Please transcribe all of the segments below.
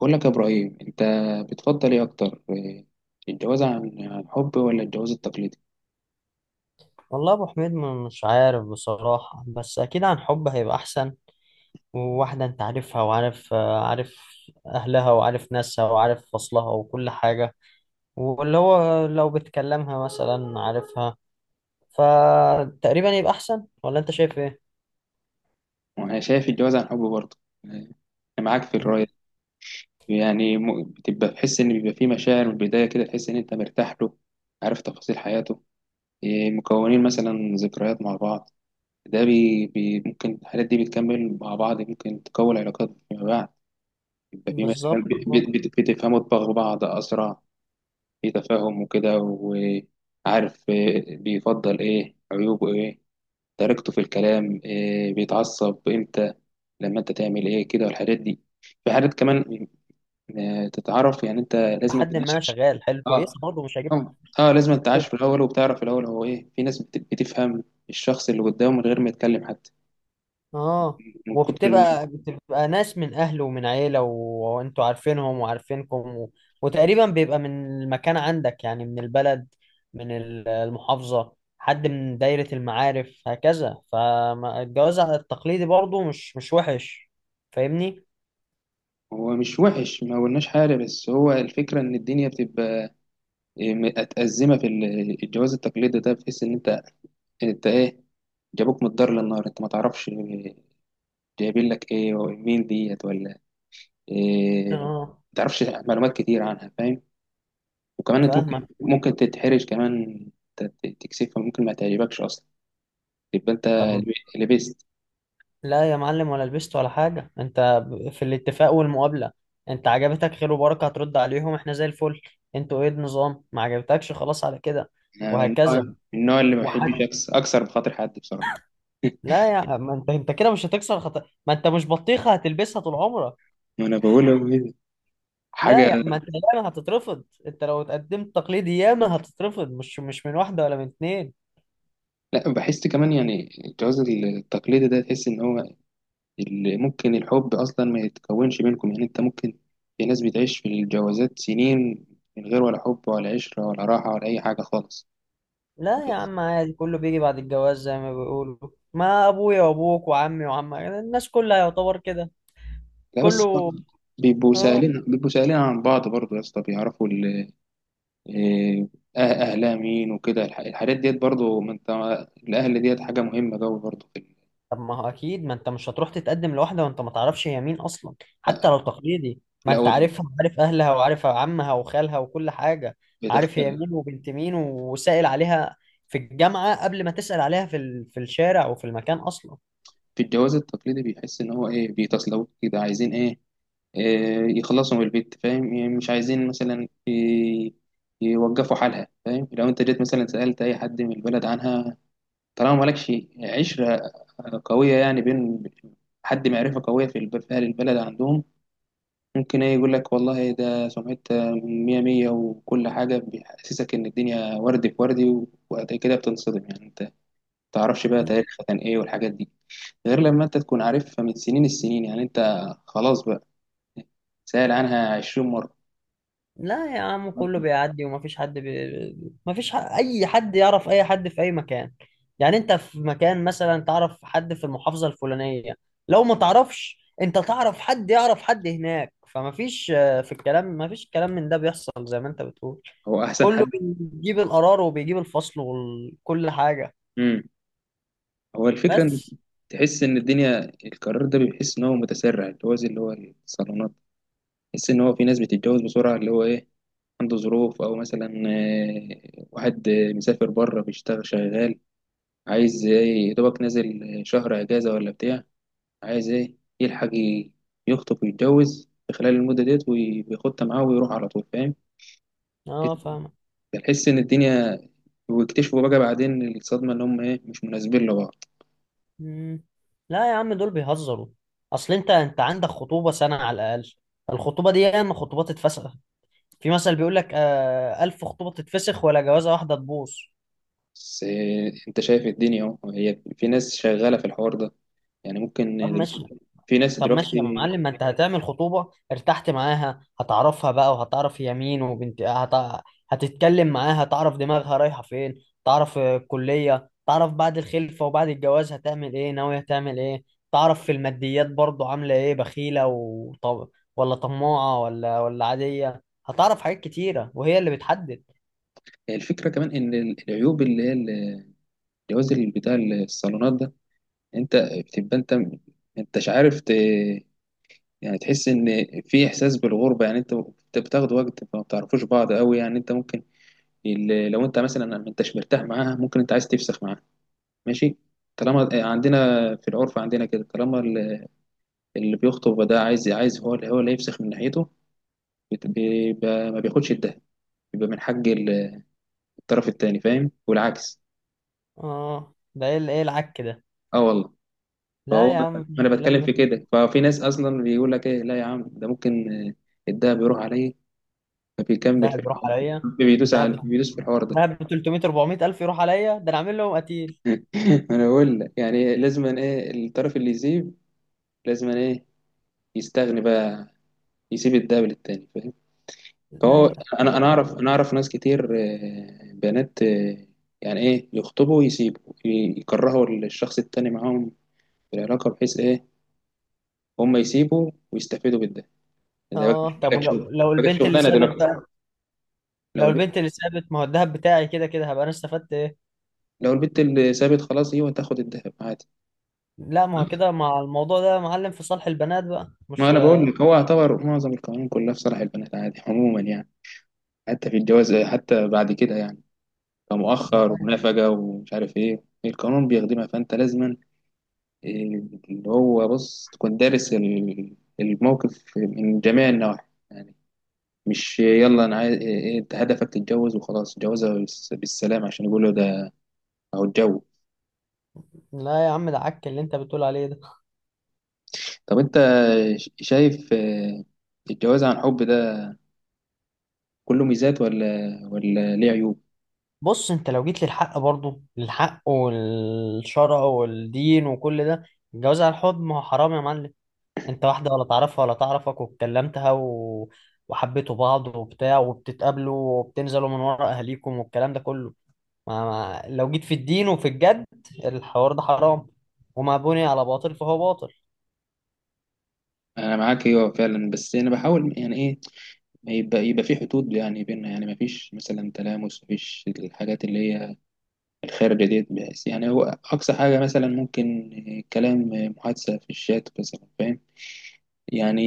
بقول لك يا إبراهيم، أنت بتفضل إيه أكتر؟ إيه، الجواز عن حب ولا الجواز التقليدي؟ والله ابو حميد مش عارف بصراحة، بس اكيد عن حب هيبقى احسن. وواحدة انت عارفها وعارف آه، عارف اهلها وعارف ناسها وعارف فصلها وكل حاجة، واللي هو لو بتكلمها مثلا عارفها، فتقريبا يبقى احسن. ولا انت شايف ايه؟ وأنا شايف الجواز عن حب برضه. إيه، أنا معاك في الرأي مم. دي. يعني بتبقى تحس إن بيبقى فيه مشاعر من البداية كده، تحس إن أنت مرتاح له، عارف تفاصيل حياته، إيه، مكونين مثلا ذكريات مع بعض. ده بي بي ممكن الحاجات دي بتكمل مع بعض، ممكن تكون علاقات فيما بعد. يبقى في مثلا بالظبط، اه. بتفهموا دماغ بعض أسرع، في تفاهم وكده، وعارف إيه بيفضل، ايه عيوبه، ايه طريقته في الكلام، إيه بيتعصب امتى، لما انت تعمل ايه كده، والحاجات دي. في حاجات كمان، تتعرف. يعني انت لازم لحد ما تعيش. شغال حلو اه كويسة برضه مش هجيب. لازم تعيش في الاول، وبتعرف في الاول هو ايه. في ناس بتفهم الشخص اللي قدامه من غير ما يتكلم حتى، اه. من كتر وبتبقى بتبقى ناس من اهله ومن عيله وانتوا عارفينهم وعارفينكم وتقريبا بيبقى من المكان عندك يعني من البلد، من المحافظه، حد من دايره المعارف هكذا. فالجواز على التقليدي برضو مش وحش، فاهمني؟ هو مش وحش، ما قلناش حاجه. بس هو الفكره ان الدنيا بتبقى متأزمة. في الجواز التقليدي ده، بتحس إن أنت إيه، جابوك من الدار للنار، انت ما تعرفش جايبين لك ايه ومين ديت، ولا ايه، ما اه تعرفش معلومات كتير عنها، فاهم؟ وكمان انت ممكن فاهمك. ممكن تتحرج كمان، تكسفها، ممكن ما تعجبكش اصلا، يبقى انت طب لبست. لا يا معلم، ولا لبست ولا حاجه. انت في الاتفاق والمقابله، انت عجبتك خير وبركه، هترد عليهم احنا زي الفل. انتوا ايه النظام؟ ما عجبتكش، خلاص على كده، انا من النوع من وهكذا. النوع اللي ما بحبش وحتى اكسر بخاطر حد بصراحه. لا يا ما انت كده مش هتكسر خط. ما انت مش بطيخه هتلبسها طول عمرك. ما انا بقول حاجه. لا يا ما انت، ياما هتترفض. انت لو اتقدمت تقليدي ياما هتترفض، مش من واحده ولا من اتنين. لا، بحس كمان يعني الجواز التقليدي ده، تحس ان هو اللي ممكن الحب اصلا ما يتكونش بينكم. يعني انت ممكن، في ناس بتعيش في الجوازات سنين من غير ولا حب ولا عشرة ولا راحة ولا اي حاجة خالص. لا يا عم، عادي، كله بيجي بعد الجواز زي ما بيقولوا. ما ابويا وابوك وعمي وعمك، الناس كلها يعتبر كده لا بس، كله. بيبقوا اه. سائلين بيبقوا سائلين عن بعض برضه يا اسطى، بيعرفوا إيه، اهلها مين وكده، الحاجات ديت برضه. ما انت، الاهل ديت حاجة مهمة قوي برضه في طب ما هو اكيد، ما انت مش هتروح تتقدم لواحده وانت ما تعرفش هي مين اصلا. لا حتى لو تقليدي، ما لا، هو انت عارفها وعارف اهلها وعارف عمها وخالها وكل حاجه. عارف هي بتختلف. مين وبنت مين، وسائل عليها في الجامعه قبل ما تسأل عليها في الشارع وفي المكان اصلا. في الجواز التقليدي بيحس ان هو ايه، بيتصلوا كده عايزين ايه، يخلصوا من البيت، فاهم يعني؟ مش عايزين مثلا يوقفوا حالها، فاهم؟ لو انت جيت مثلا سألت اي حد من البلد عنها، طالما مالكش عشرة قوية يعني، بين حد معرفة قوية في في أهل البلد عندهم، ممكن ايه يقول لك والله، ده سمعتها مية مية وكل حاجة، بيحسسك إن الدنيا وردي في وردي، وبعد كده بتنصدم. يعني أنت متعرفش بقى تاريخها كان إيه والحاجات دي، غير لما أنت تكون عارفها من سنين السنين. يعني أنت خلاص بقى، سأل عنها 20 مرة. لا يا عم، كله بيعدي. ومفيش حد مفيش اي حد يعرف اي حد في اي مكان. يعني انت في مكان مثلا تعرف حد في المحافظة الفلانية، لو ما تعرفش انت، تعرف حد يعرف حد هناك. فمفيش في الكلام، مفيش كلام من ده بيحصل زي ما انت بتقول. هو احسن كله حد. بيجيب القرار وبيجيب الفصل وكل حاجة. امم هو الفكره ان، بس. تحس ان الدنيا القرار ده، بيحس ان هو متسرع، اللي هو زي اللي هو الصالونات، تحس ان هو في ناس بتتجوز بسرعه، اللي هو ايه عنده ظروف، او مثلا واحد مسافر بره بيشتغل، شغال عايز ايه، يا دوبك نازل شهر اجازه ولا بتاع، عايز ايه يلحق يخطب ويتجوز في خلال المده ديت، وياخدها معاه ويروح على طول، فاهم؟ اه فاهمك. تحس ان الدنيا، واكتشفوا بقى بعدين الصدمه ان هم ايه، مش مناسبين لبعض. مم. لا يا عم دول بيهزروا. اصل انت، عندك خطوبة سنة على الاقل. الخطوبة دي ياما خطوبات اتفسخ. في مثل بيقول لك: آه، ألف خطوبة تتفسخ ولا جوازة واحدة تبوظ. بس انت شايف الدنيا اهو، هي في ناس شغاله في الحوار ده، يعني ممكن طب ماشي. دلوقتي، في ناس طب ماشي دلوقتي. يا معلم، ما انت هتعمل خطوبة ارتحت معاها، هتعرفها بقى وهتعرف هي مين، وبنت هتتكلم معاها، هتعرف دماغها رايحة فين، تعرف الكلية، تعرف بعد الخلفة وبعد الجواز هتعمل ايه، ناوية هتعمل ايه، تعرف في الماديات برضو عاملة ايه، بخيلة ولا طماعة ولا عادية. هتعرف حاجات كتيرة وهي اللي بتحدد. الفكره كمان ان العيوب اللي هي الجواز اللي بتاع الصالونات ده، انت بتبقى انت، انت مش عارف يعني تحس ان في احساس بالغربه. يعني انت، انت بتاخد وقت ما بتعرفوش بعض قوي. يعني انت ممكن، لو انت مثلا ما انتش مرتاح معاها، ممكن انت عايز تفسخ معاها، ماشي. طالما عندنا في العرف عندنا كده، طالما اللي بيخطب ده عايز هو هو اللي هيفسخ من ناحيته، بيبقى ما بياخدش الدهب، بيبقى من حق الطرف التاني، فاهم؟ والعكس. اه، ده ايه العك ده؟ اه، والله. فهو، لا يا عم، ما مفيش انا الكلام بتكلم في ده. كده. ففي ناس اصلا بيقول لك ايه، لا يا عم، ده ممكن الدهب يروح عليه، فبيكمل في دهب يروح الحوار، عليا؟ دهب بيدوس في الحوار ده. دهب ب 300 400 الف يروح عليا؟ ده انا عامل لهم قتيل. انا بقول لك، يعني لازم ايه الطرف اللي يسيب، لازم ايه يستغني بقى، يسيب الدهب للتاني، فاهم؟ لا فهو يا انا انا يا اعرف راجل. انا اعرف ناس كتير، بنات يعني ايه، يخطبوا ويسيبوا يكرهوا الشخص التاني معاهم في العلاقة بحيث إيه، هم يسيبوا ويستفيدوا بالده. ده بقى اه. مش طب محتاج ولو، شغل، محتاج البنت اللي شغلانة سابت دلوقتي. بقى. لو لو البت البنت اللي سابت، ما هو الدهب بتاعي كده كده، هبقى انا استفدت ايه؟ لو البت اللي سابت خلاص، هي تاخد الذهب عادي. لا، ما هو كده مع الموضوع ده يا معلم في صالح البنات بقى، ما مش. أنا بقول لك، هو يعتبر معظم القوانين كلها في صالح البنات عادي، عموما يعني، حتى في الجواز، حتى بعد كده يعني، كمؤخر ومنافقة ومش عارف إيه، القانون بيخدمها، فأنت لازما إيه، اللي هو بص، تكون دارس الموقف من جميع النواحي. يعني مش يلا انا عايز إيه، انت هدفك تتجوز وخلاص، جوازها بالسلام عشان يقولوا ده، او الجو. لا يا عم، ده عك اللي انت بتقول عليه ده. طب انت شايف الجواز عن حب ده كله ميزات، ولا ليه عيوب؟ بص، انت لو جيت للحق برضه، للحق والشرع والدين وكل ده، الجواز على الحب ما هو حرام يا معلم. انت واحدة ولا تعرفها ولا تعرفك، واتكلمتها وحبيتوا بعض وبتاع، وبتتقابلوا وبتنزلوا من ورا اهاليكم والكلام ده كله. ما... ما... لو جيت في الدين وفي الجد، الحوار ده حرام، وما بني على باطل فهو باطل. انا معاك، ايوه فعلا. بس انا بحاول يعني ايه، ما يبقى في حدود يعني بيننا، يعني ما فيش مثلا تلامس، ما فيش الحاجات اللي هي الخارجة ديت. بس يعني هو اقصى حاجة مثلا ممكن كلام، محادثة في الشات مثلا، فاهم يعني؟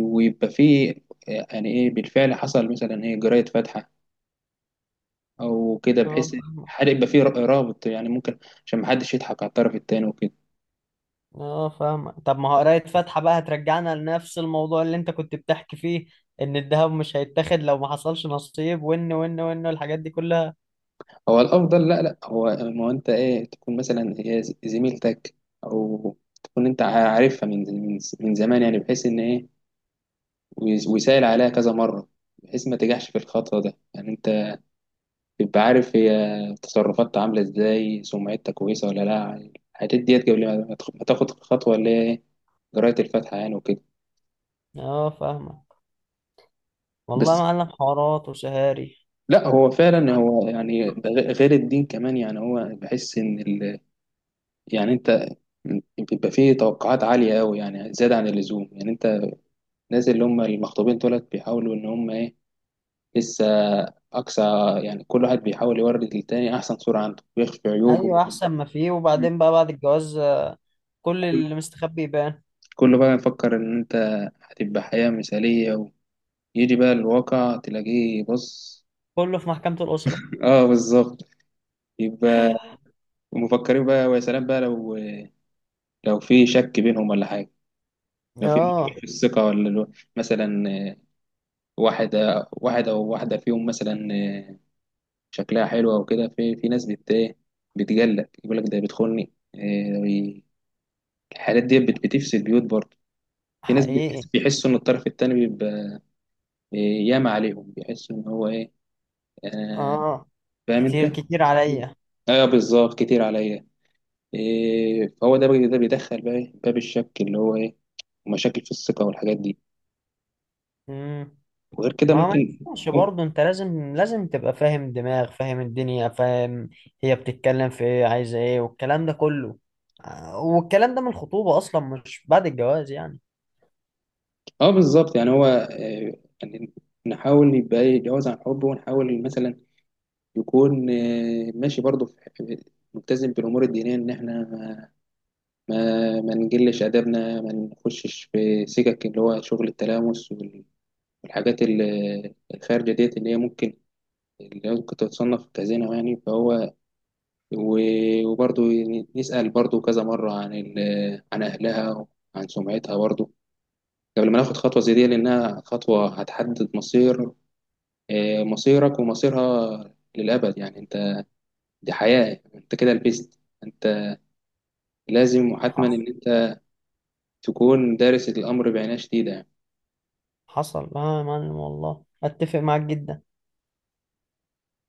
ويبقى في يعني ايه، بالفعل حصل مثلا ايه، جراية فاتحة او كده، اه بحيث فاهمك. الحرق يبقى فيه رابط يعني ممكن، عشان محدش يضحك على الطرف التاني وكده. اه فاهمك. طب ما هو قراية فاتحة بقى هترجعنا لنفس الموضوع اللي انت كنت بتحكي فيه، ان الذهب مش هيتاخد لو ما حصلش نصيب، وان والحاجات دي كلها. هو الافضل، لا لا، هو ما هو انت ايه، تكون مثلا هي زميلتك، او تكون انت عارفها من زمان، يعني بحيث ان ايه، ويسأل عليها كذا مره، بحيث ما تجحش في الخطوه ده. يعني انت تبقى عارف هي تصرفاتها عامله ازاي، سمعتها كويسه ولا لا، الحاجات ديت قبل ما تاخد الخطوه اللي هي إيه، جرايه الفاتحه يعني وكده. اه فاهمك. والله يا بس، معلم، حوارات وسهاري. لا هو فعلا هو يعني ده غير الدين كمان. يعني هو بحس ان ال... يعني انت بيبقى فيه توقعات عالية قوي، يعني زيادة عن اللزوم. يعني انت الناس اللي هم المخطوبين دولت، بيحاولوا ان هم ايه، لسه اقصى، يعني كل واحد بيحاول يورد للتاني احسن صورة عنده ويخفي عيوبه. ايوه، احسن ما فيه. مم. وبعدين بقى بعد الجواز، كل كل اللي مستخبي يبان. كله بقى يفكر ان انت هتبقى حياة مثالية، ويجي بقى الواقع تلاقيه، بص. كله في محكمة الأسرة. اه بالظبط. يبقى، ومفكرين بقى، ويا سلام بقى لو، لو في شك بينهم ولا حاجة، لو في اه. في الثقة، ولا مثلا واحد واحد أو واحدة فيهم مثلا شكلها حلو أو كده، في ناس بت إيه، بتجلد يقول لك ده بيدخلني الحالات دي بتفسد بيوت برضه. في ناس حقيقي. بيحسوا إن الطرف التاني بيبقى ياما عليهم، بيحسوا إن هو إيه، آه، اه، فاهم كتير أنت؟ كتير مم. عليا. أيوه بالظبط، كتير عليا. إيه، فهو ده ده بيدخل بقى إيه، باب الشك اللي هو إيه، مشاكل في الثقة والحاجات دي. امم. وغير كده ما ممكن، ينفعش برضه، انت لازم، تبقى فاهم دماغ، فاهم الدنيا، فاهم هي بتتكلم في ايه، عايزة ايه والكلام ده كله. والكلام ده من الخطوبة اصلا، مش بعد الجواز يعني. اه بالظبط. يعني هو يعني نحاول يبقى يتجاوز عن حبه، ونحاول مثلا يكون ماشي برضه، ملتزم بالامور الدينيه، ان احنا ما نجلش ادبنا، ما نخشش في سكك اللي هو شغل التلامس والحاجات الخارجه ديت، اللي هي ممكن، اللي هي ممكن تتصنف كزنا. يعني فهو وبرضه نسأل برضه كذا مرة عن عن أهلها وعن سمعتها برضه، قبل ما ناخد خطوة زي دي، لأنها خطوة هتحدد مصير مصيرك ومصيرها للأبد. يعني أنت دي حياة، أنت كده لبست، أنت لازم وحتما حصل. إن أنت تكون دارس الأمر بعناية شديدة. حصل اه يا معلم، والله اتفق معاك جدا.